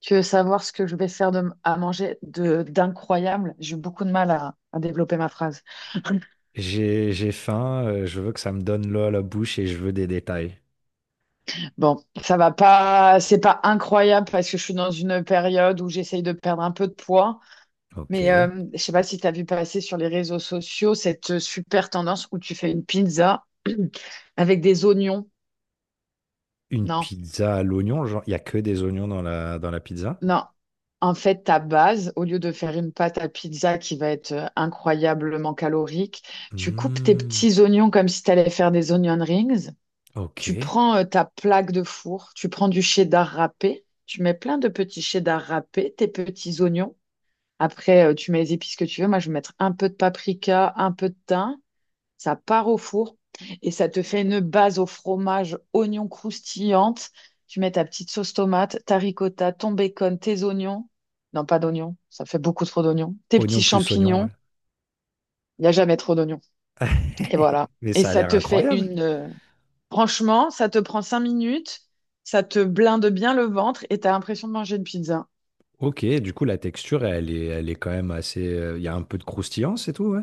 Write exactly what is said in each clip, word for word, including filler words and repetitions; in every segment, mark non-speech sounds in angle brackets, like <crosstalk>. Tu veux savoir ce que je vais faire de, à manger de d'incroyable? J'ai eu beaucoup de mal à, à développer ma phrase. <laughs> J'ai, j'ai faim, euh, je veux que ça me donne l'eau à la bouche et je veux des détails. Bon, ça va pas, c'est pas incroyable parce que je suis dans une période où j'essaye de perdre un peu de poids. Ok. Mais euh, je sais pas si tu as vu passer sur les réseaux sociaux cette euh, super tendance où tu fais une pizza <clears throat> avec des oignons. Une Non, pizza à l'oignon, genre, il n'y a que des oignons dans la, dans la pizza? non. En fait, ta base, au lieu de faire une pâte à pizza qui va être euh, incroyablement calorique, tu coupes tes Hmm, petits oignons comme si tu allais faire des onion rings. ok. Tu prends euh, ta plaque de four, tu prends du cheddar râpé, tu mets plein de petits cheddar râpés, tes petits oignons. Après, euh, tu mets les épices que tu veux. Moi, je vais mettre un peu de paprika, un peu de thym. Ça part au four et ça te fait une base au fromage, oignons croustillante. Tu mets ta petite sauce tomate, ta ricotta, ton bacon, tes oignons. Non, pas d'oignons, ça fait beaucoup trop d'oignons. Tes Oignon petits plus oignon, ouais. champignons, il n'y a jamais trop d'oignons. Et voilà. Mais Et ça a ça l'air te fait incroyable. une, euh, franchement, ça te prend cinq minutes, ça te blinde bien le ventre et t'as l'impression de manger une pizza. Ok, du coup, la texture, elle est, elle est quand même assez... euh, Il y a un peu de croustillant, c'est tout, ouais.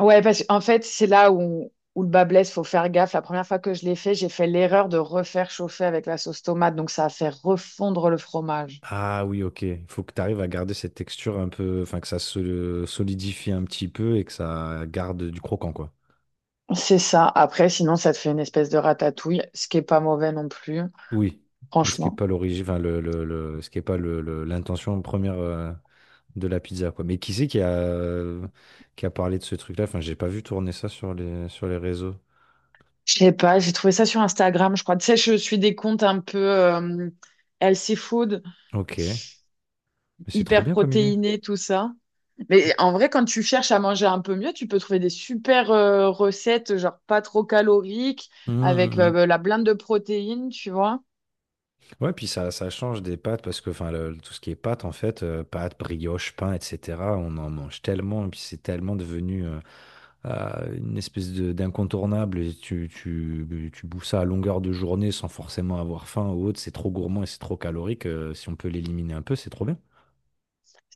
Ouais, parce qu'en fait, c'est là où, où le bas blesse, faut faire gaffe. La première fois que je l'ai fait, j'ai fait l'erreur de refaire chauffer avec la sauce tomate, donc ça a fait refondre le fromage. Ah oui, ok. Il faut que tu arrives à garder cette texture un peu. Enfin, que ça se solidifie un petit peu et que ça garde du croquant, quoi. C'est ça. Après, sinon, ça te fait une espèce de ratatouille, ce qui est pas mauvais non plus, Oui, mais ce qui est franchement. pas l'origine, enfin le, le, le- ce qui est pas le, le- l'intention première euh, de la pizza quoi. Mais qui c'est qui a euh, qui a parlé de ce truc-là? Enfin, j'ai pas vu tourner ça sur les sur les réseaux. Je sais pas, j'ai trouvé ça sur Instagram, je crois. Tu sais, je suis des comptes un peu euh, healthy food, Ok, mais c'est trop hyper bien comme idée. protéinés, tout ça. Mais en vrai, quand tu cherches à manger un peu mieux, tu peux trouver des super euh, recettes, genre pas trop caloriques, Hum, hum, avec euh, hum. bah, la blinde de protéines, tu vois. Ouais, puis ça, ça change des pâtes parce que enfin le- tout ce qui est pâtes en fait, euh, pâtes, brioche, pain, et cetera. On en mange tellement et puis c'est tellement devenu euh, euh, une espèce de- d'incontournable et tu, tu, tu bouffes ça à longueur de journée sans forcément avoir faim ou autre, c'est trop gourmand et c'est trop calorique. Euh, si on peut l'éliminer un peu, c'est trop bien.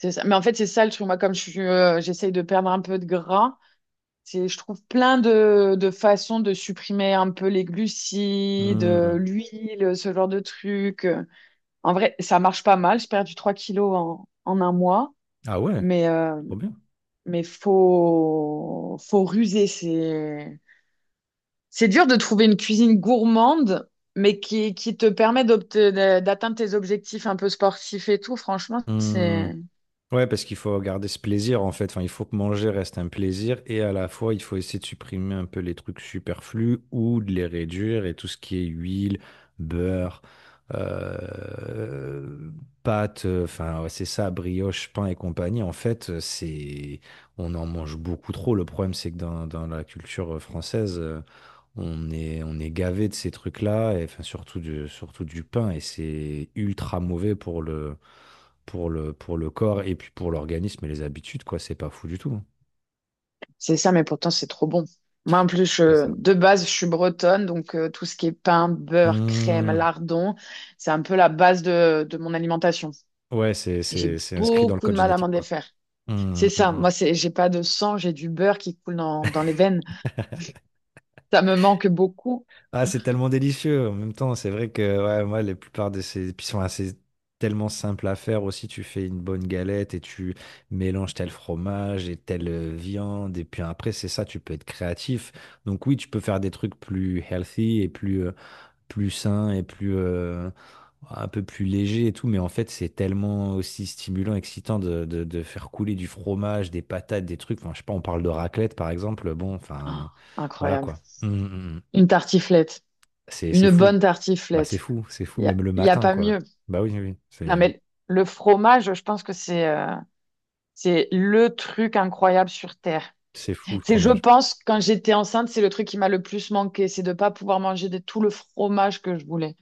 C'est ça. Mais en fait, c'est ça le truc. Moi, comme je suis, euh, j'essaye de perdre un peu de gras, c'est, je trouve plein de, de façons de supprimer un peu les glucides, euh, Hmm. l'huile, ce genre de trucs. En vrai, ça marche pas mal. J'ai perdu trois kilos en, en un mois. Ah ouais, Mais, euh, trop bien. mais faut, faut ruser. C'est. C'est dur de trouver une cuisine gourmande, mais qui, qui te permet d'obte- de- d'atteindre tes objectifs un peu sportifs et tout. Franchement, Hmm. c'est, Ouais, parce qu'il faut garder ce plaisir en fait. Enfin, il faut que manger reste un plaisir et à la fois, il faut essayer de supprimer un peu les trucs superflus ou de les réduire et tout ce qui est huile, beurre, euh, pâtes, euh, enfin, ouais, c'est ça, brioche, pain et compagnie. En fait, euh, c'est, on en mange beaucoup trop. Le problème, c'est que dans, dans la culture française, euh, on est, on est gavé de ces trucs-là et enfin, surtout du, surtout du pain et c'est ultra mauvais pour le pour le, pour le corps et puis pour l'organisme et les habitudes, quoi. C'est pas fou du tout. c'est ça, mais pourtant, c'est trop bon. Moi, en plus, C'est je- ça. de base, je suis bretonne, donc euh, tout ce qui est pain, beurre, crème, Hmm. lardon, c'est un peu la base de, de mon alimentation. Ouais, c'est, Et j'ai c'est, c'est inscrit dans le beaucoup de code mal à génétique, m'en quoi. défaire. Hmm, C'est hmm, ça, hmm. moi, c'est, j'ai pas de sang, j'ai du beurre qui coule dans, dans les veines. Ça me manque beaucoup. Ah, c'est tellement délicieux. En même temps, c'est vrai que ouais, moi, les plupart de ces. Puis ils sont assez tellement simples à faire aussi. Tu fais une bonne galette et tu mélanges tel fromage et telle euh, viande. Et puis après, c'est ça, tu peux être créatif. Donc oui, tu peux faire des trucs plus healthy et plus, euh, plus sain et plus euh, un peu plus léger et tout, mais en fait c'est tellement aussi stimulant, excitant de, de- de faire couler du fromage, des patates, des trucs. Enfin, je sais pas, on parle de raclette par exemple. Bon, enfin, Ah, voilà incroyable. quoi. Mm, mm, mm. Une tartiflette, C'est c'est une fou. bonne Bah c'est tartiflette. fou, c'est fou Il y a, même le y a matin pas quoi. mieux. Bah oui, oui, oui, c'est Non, mais le fromage, je pense que c'est euh, c'est le truc incroyable sur Terre. c'est fou le C'est, je fromage. pense, quand j'étais enceinte, c'est le truc qui m'a le plus manqué, c'est de pas pouvoir manger de tout le fromage que je voulais.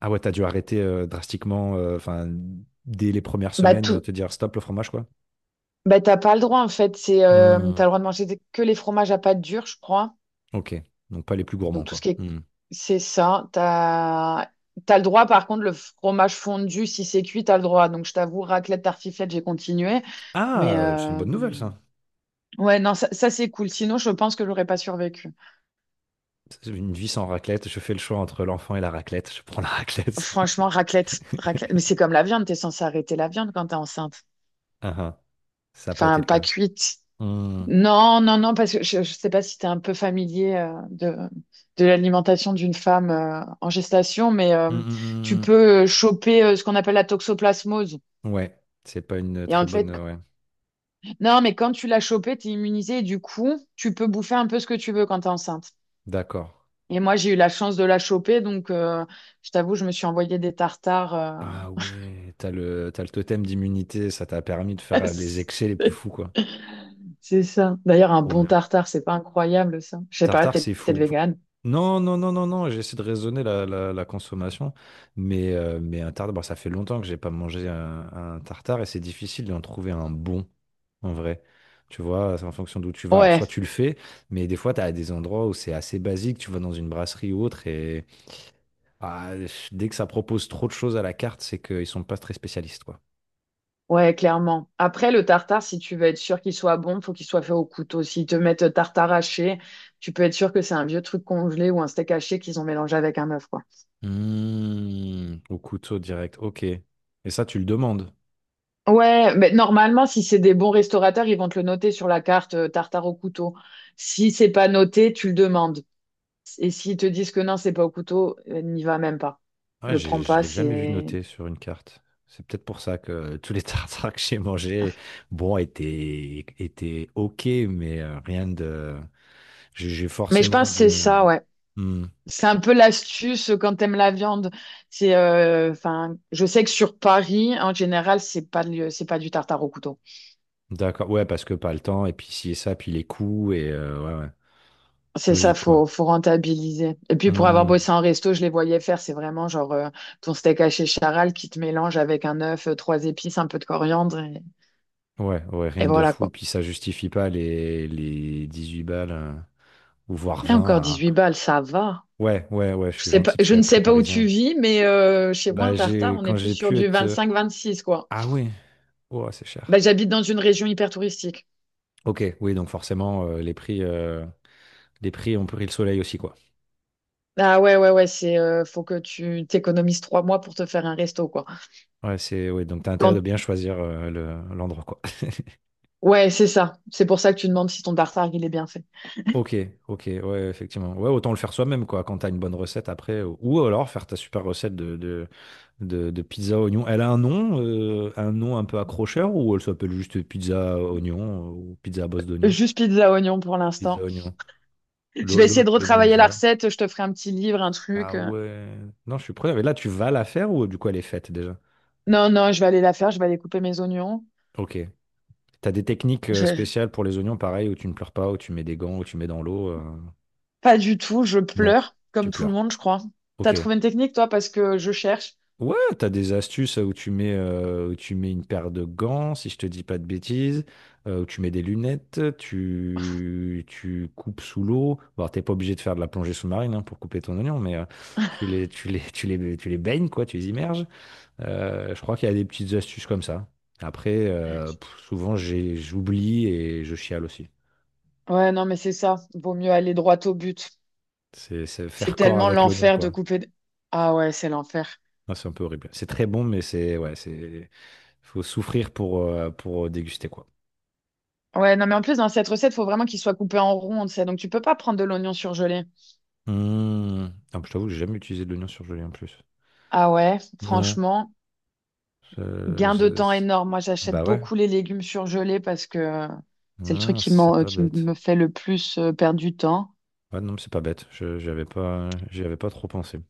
Ah ouais, t'as dû arrêter euh, drastiquement, euh, enfin dès les premières Bah, semaines, euh, tout, te dire stop le fromage quoi. bah, t'as pas le droit, en fait. C'est, euh, Mm. t'as le droit de manger des- que les fromages à pâte dure, je crois. Ok, donc pas les plus gourmands Donc, tout ce quoi. qui est, Mm. c'est ça. T'as, t'as le droit, par contre, le fromage fondu, si c'est cuit, t'as le droit. Donc, je t'avoue, raclette, tartiflette, j'ai continué. Mais, Ah, c'est une euh, bonne nouvelle ça. ouais, non, ça, ça, c'est cool. Sinon, je pense que j'aurais pas survécu. Une vie sans raclette, je fais le choix entre l'enfant et la raclette. Je prends la raclette. Franchement, raclette, <laughs> raclette. Mais c'est comme la viande, t'es censée arrêter la viande quand t'es enceinte. Ah ah, ça n'a pas été Enfin, le pas cas. cuite. Hmm. Non, non, non, parce que je, je sais pas si t'es un peu familier euh, de, de, l'alimentation d'une femme euh, en gestation, mais Hmm, euh, hmm, tu hmm, peux euh, choper euh, ce qu'on appelle la toxoplasmose. hmm. Ouais, c'est pas une Et très en bonne. fait, euh, Ouais, non, mais quand tu l'as chopée, t'es immunisée et du coup, tu peux bouffer un peu ce que tu veux quand t'es enceinte. d'accord. Et moi, j'ai eu la chance de la choper, donc euh, je t'avoue, je me suis envoyé des tartares. euh, Ah ouais, t'as le, t'as le totem d'immunité, ça t'a permis de faire les excès les <laughs> plus fous, quoi. C'est ça. D'ailleurs, un Trop bon bien. tartare, c'est pas incroyable, ça. Je sais pas, Tartare, t'es c'est peut-être fou. végane. Non, non, non, non, non, j'essaie de raisonner la, la, la consommation, mais, euh, mais un tartare, bon, ça fait longtemps que j'ai pas mangé un, un tartare et c'est difficile d'en trouver un bon, en vrai. Tu vois, c'est en fonction d'où tu vas. Alors, soit Ouais, tu le fais, mais des fois, tu as des endroits où c'est assez basique, tu vas dans une brasserie ou autre, et ah, dès que ça propose trop de choses à la carte, c'est qu'ils sont pas très spécialistes, quoi. ouais, clairement. Après, le tartare, si tu veux être sûr qu'il soit bon, faut qu'il soit fait au couteau. S'ils te mettent tartare haché, tu peux être sûr que c'est un vieux truc congelé ou un steak haché qu'ils ont mélangé avec un œuf, quoi. Mmh, au couteau direct, ok. Et ça, tu le demandes. Ouais, mais normalement, si c'est des bons restaurateurs, ils vont te le noter sur la carte, euh, tartare au couteau. Si c'est pas noté, tu le demandes. Et s'ils te disent que non, c'est pas au couteau, euh, n'y va même pas. Ouais, Le j'ai- prends je pas, l'ai jamais vu c'est. noté sur une carte. C'est peut-être pour ça que tous les <laughs> tartares que j'ai mangés, bon, étaient, étaient OK, mais euh, rien de. J'ai j'ai Mais je forcément pense que c'est dû. euh, ça, ouais. Hmm, C'est un peu l'astuce quand t'aimes la viande. C'est, euh, enfin, je sais que sur Paris, en général, c'est pas, le- c'est pas du tartare au couteau. d'accord, ouais, parce que pas le temps, et puis si et ça, puis les coûts, et euh, ouais, ouais, C'est ça, logique, quoi. faut, faut rentabiliser. Et puis pour avoir Hmm, bossé en resto, je les voyais faire. C'est vraiment genre euh, ton steak haché charal qui te mélange avec un œuf, euh, trois épices, un peu de coriandre et, ouais, ouais, et rien de voilà fou, quoi. puis ça justifie pas les, les dix-huit balles, euh, ou voire Et vingt encore à. dix-huit balles, ça va. Ouais, ouais, ouais, je Je suis sais pas, gentil parce je ne qu'avec prix sais pas où tu parisien. vis, mais euh, chez moi, Bah, en j'ai, tartare, on est quand plus j'ai sur pu du être. euh, vingt-cinq à vingt-six quoi. Ah ouais. Ouah, c'est Bah, cher. j'habite dans une région hyper touristique. Ok, oui, donc forcément, euh, les prix, euh, les prix ont pris le soleil aussi, quoi. Ah ouais, ouais, ouais, c'est euh, faut que tu t'économises trois mois pour te faire un resto, quoi. Ouais, c'est, oui, donc t'as intérêt de Quand... bien choisir euh, le- l'endroit, quoi. <laughs> Ouais, c'est ça. C'est pour ça que tu demandes si ton tartare, il est bien fait. Ok, ok, ouais, effectivement. Ouais, autant le faire soi-même, quoi, quand t'as une bonne recette après. Ou ou alors faire ta super recette de, de, de, de pizza oignon. Elle a un nom, euh, un nom un peu accrocheur, ou elle s'appelle juste pizza oignon, euh, ou pizza à bosse d'oignon? Juste pizza oignon pour Pizza l'instant. oignon. Je Lo- vais essayer lo- de retravailler la L'oignonza. recette. Je te ferai un petit livre, un truc. Ah euh. ouais. Non, je suis preneur. Mais là, tu vas la faire ou du coup, elle est faite déjà? Non, non, je vais aller la faire. Je vais aller couper mes oignons. Ok. T'as des techniques euh, Je- spéciales pour les oignons, pareil, où tu ne pleures pas, où tu mets des gants, où tu mets dans l'eau. euh, Pas du tout. Je Non, pleure, tu comme tout le pleures. monde, je crois. T'as Ok. trouvé une technique, toi, parce que je cherche. Ouais, t'as des astuces où tu mets, euh, où tu mets une paire de gants, si je te dis pas de bêtises, euh, où tu mets des lunettes, tu, tu coupes sous l'eau. Bon, t'es pas obligé de faire de la plongée sous-marine hein, pour couper ton oignon, mais euh, tu les, tu les, <laughs> tu les, tu les baignes, quoi, tu les immerges. Euh, je crois qu'il y a des petites astuces comme ça. Après, euh, pff, souvent, j'ai, j'oublie et je chiale aussi. Ouais, non, mais c'est ça. Vaut mieux aller droit au but. C'est c'est C'est faire corps tellement avec l'oignon, l'enfer de quoi. couper. Ah ouais, c'est l'enfer. Ah, c'est un peu horrible. C'est très bon, mais c'est. Ouais, c'est. Faut souffrir pour, euh, pour euh, déguster, quoi. Ouais, non, mais en plus, dans cette recette, il faut vraiment qu'il soit coupé en rond, tu sais. Donc, tu peux pas prendre de l'oignon surgelé. Mmh. Ah, je t'avoue que j'ai jamais utilisé de l'oignon surgelé, en plus. Ah ouais, Non. franchement, Euh, gain de C'est- temps c'est- énorme. Moi, j'achète Bah ouais. beaucoup les légumes surgelés parce que c'est le truc Mmh, qui c'est m'en- euh, pas qui bête. me fait le plus euh, perdre du temps. Ouais, non, mais c'est pas bête. Je, j'y avais pas, j'y avais pas trop pensé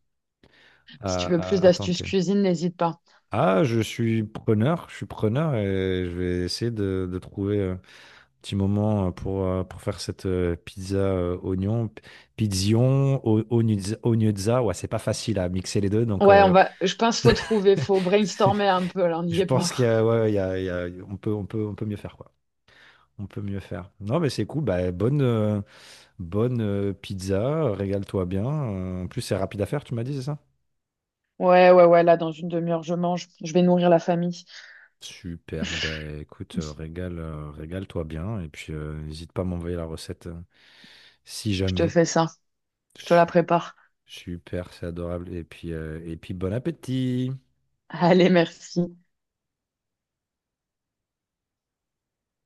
Si à, tu veux plus à- à d'astuces tenter. cuisine, n'hésite pas. Ah, je suis preneur. Je suis preneur et je vais essayer de, de trouver. euh, Petit moment euh, pour, euh, pour faire cette euh, pizza euh, oignon. P- Pizzion, o- ognuzza, ognuzza. Ouais, c'est pas facile à mixer les deux, donc Ouais, on euh, va, je pense faut trouver, faut <laughs> brainstormer un peu, là, on n'y je est pas. pense qu'il y a, ouais, il y a- il y a- on peut, on peut, on peut mieux faire, quoi. On peut mieux faire. Non, mais c'est cool. Bah, bonne, euh, bonne euh, pizza. Régale-toi bien. Euh, En plus, c'est rapide à faire, tu m'as dit, c'est ça? Ouais, ouais, ouais, là, dans une demi-heure, je mange. Je vais nourrir la famille. Super. Ben écoute, euh, régale, euh, régale-toi bien. Et puis, euh, n'hésite pas à m'envoyer la recette euh, si Je te jamais. fais ça. Je te la Super. prépare. Super, c'est adorable. Et puis, euh, et puis bon appétit. Allez, merci.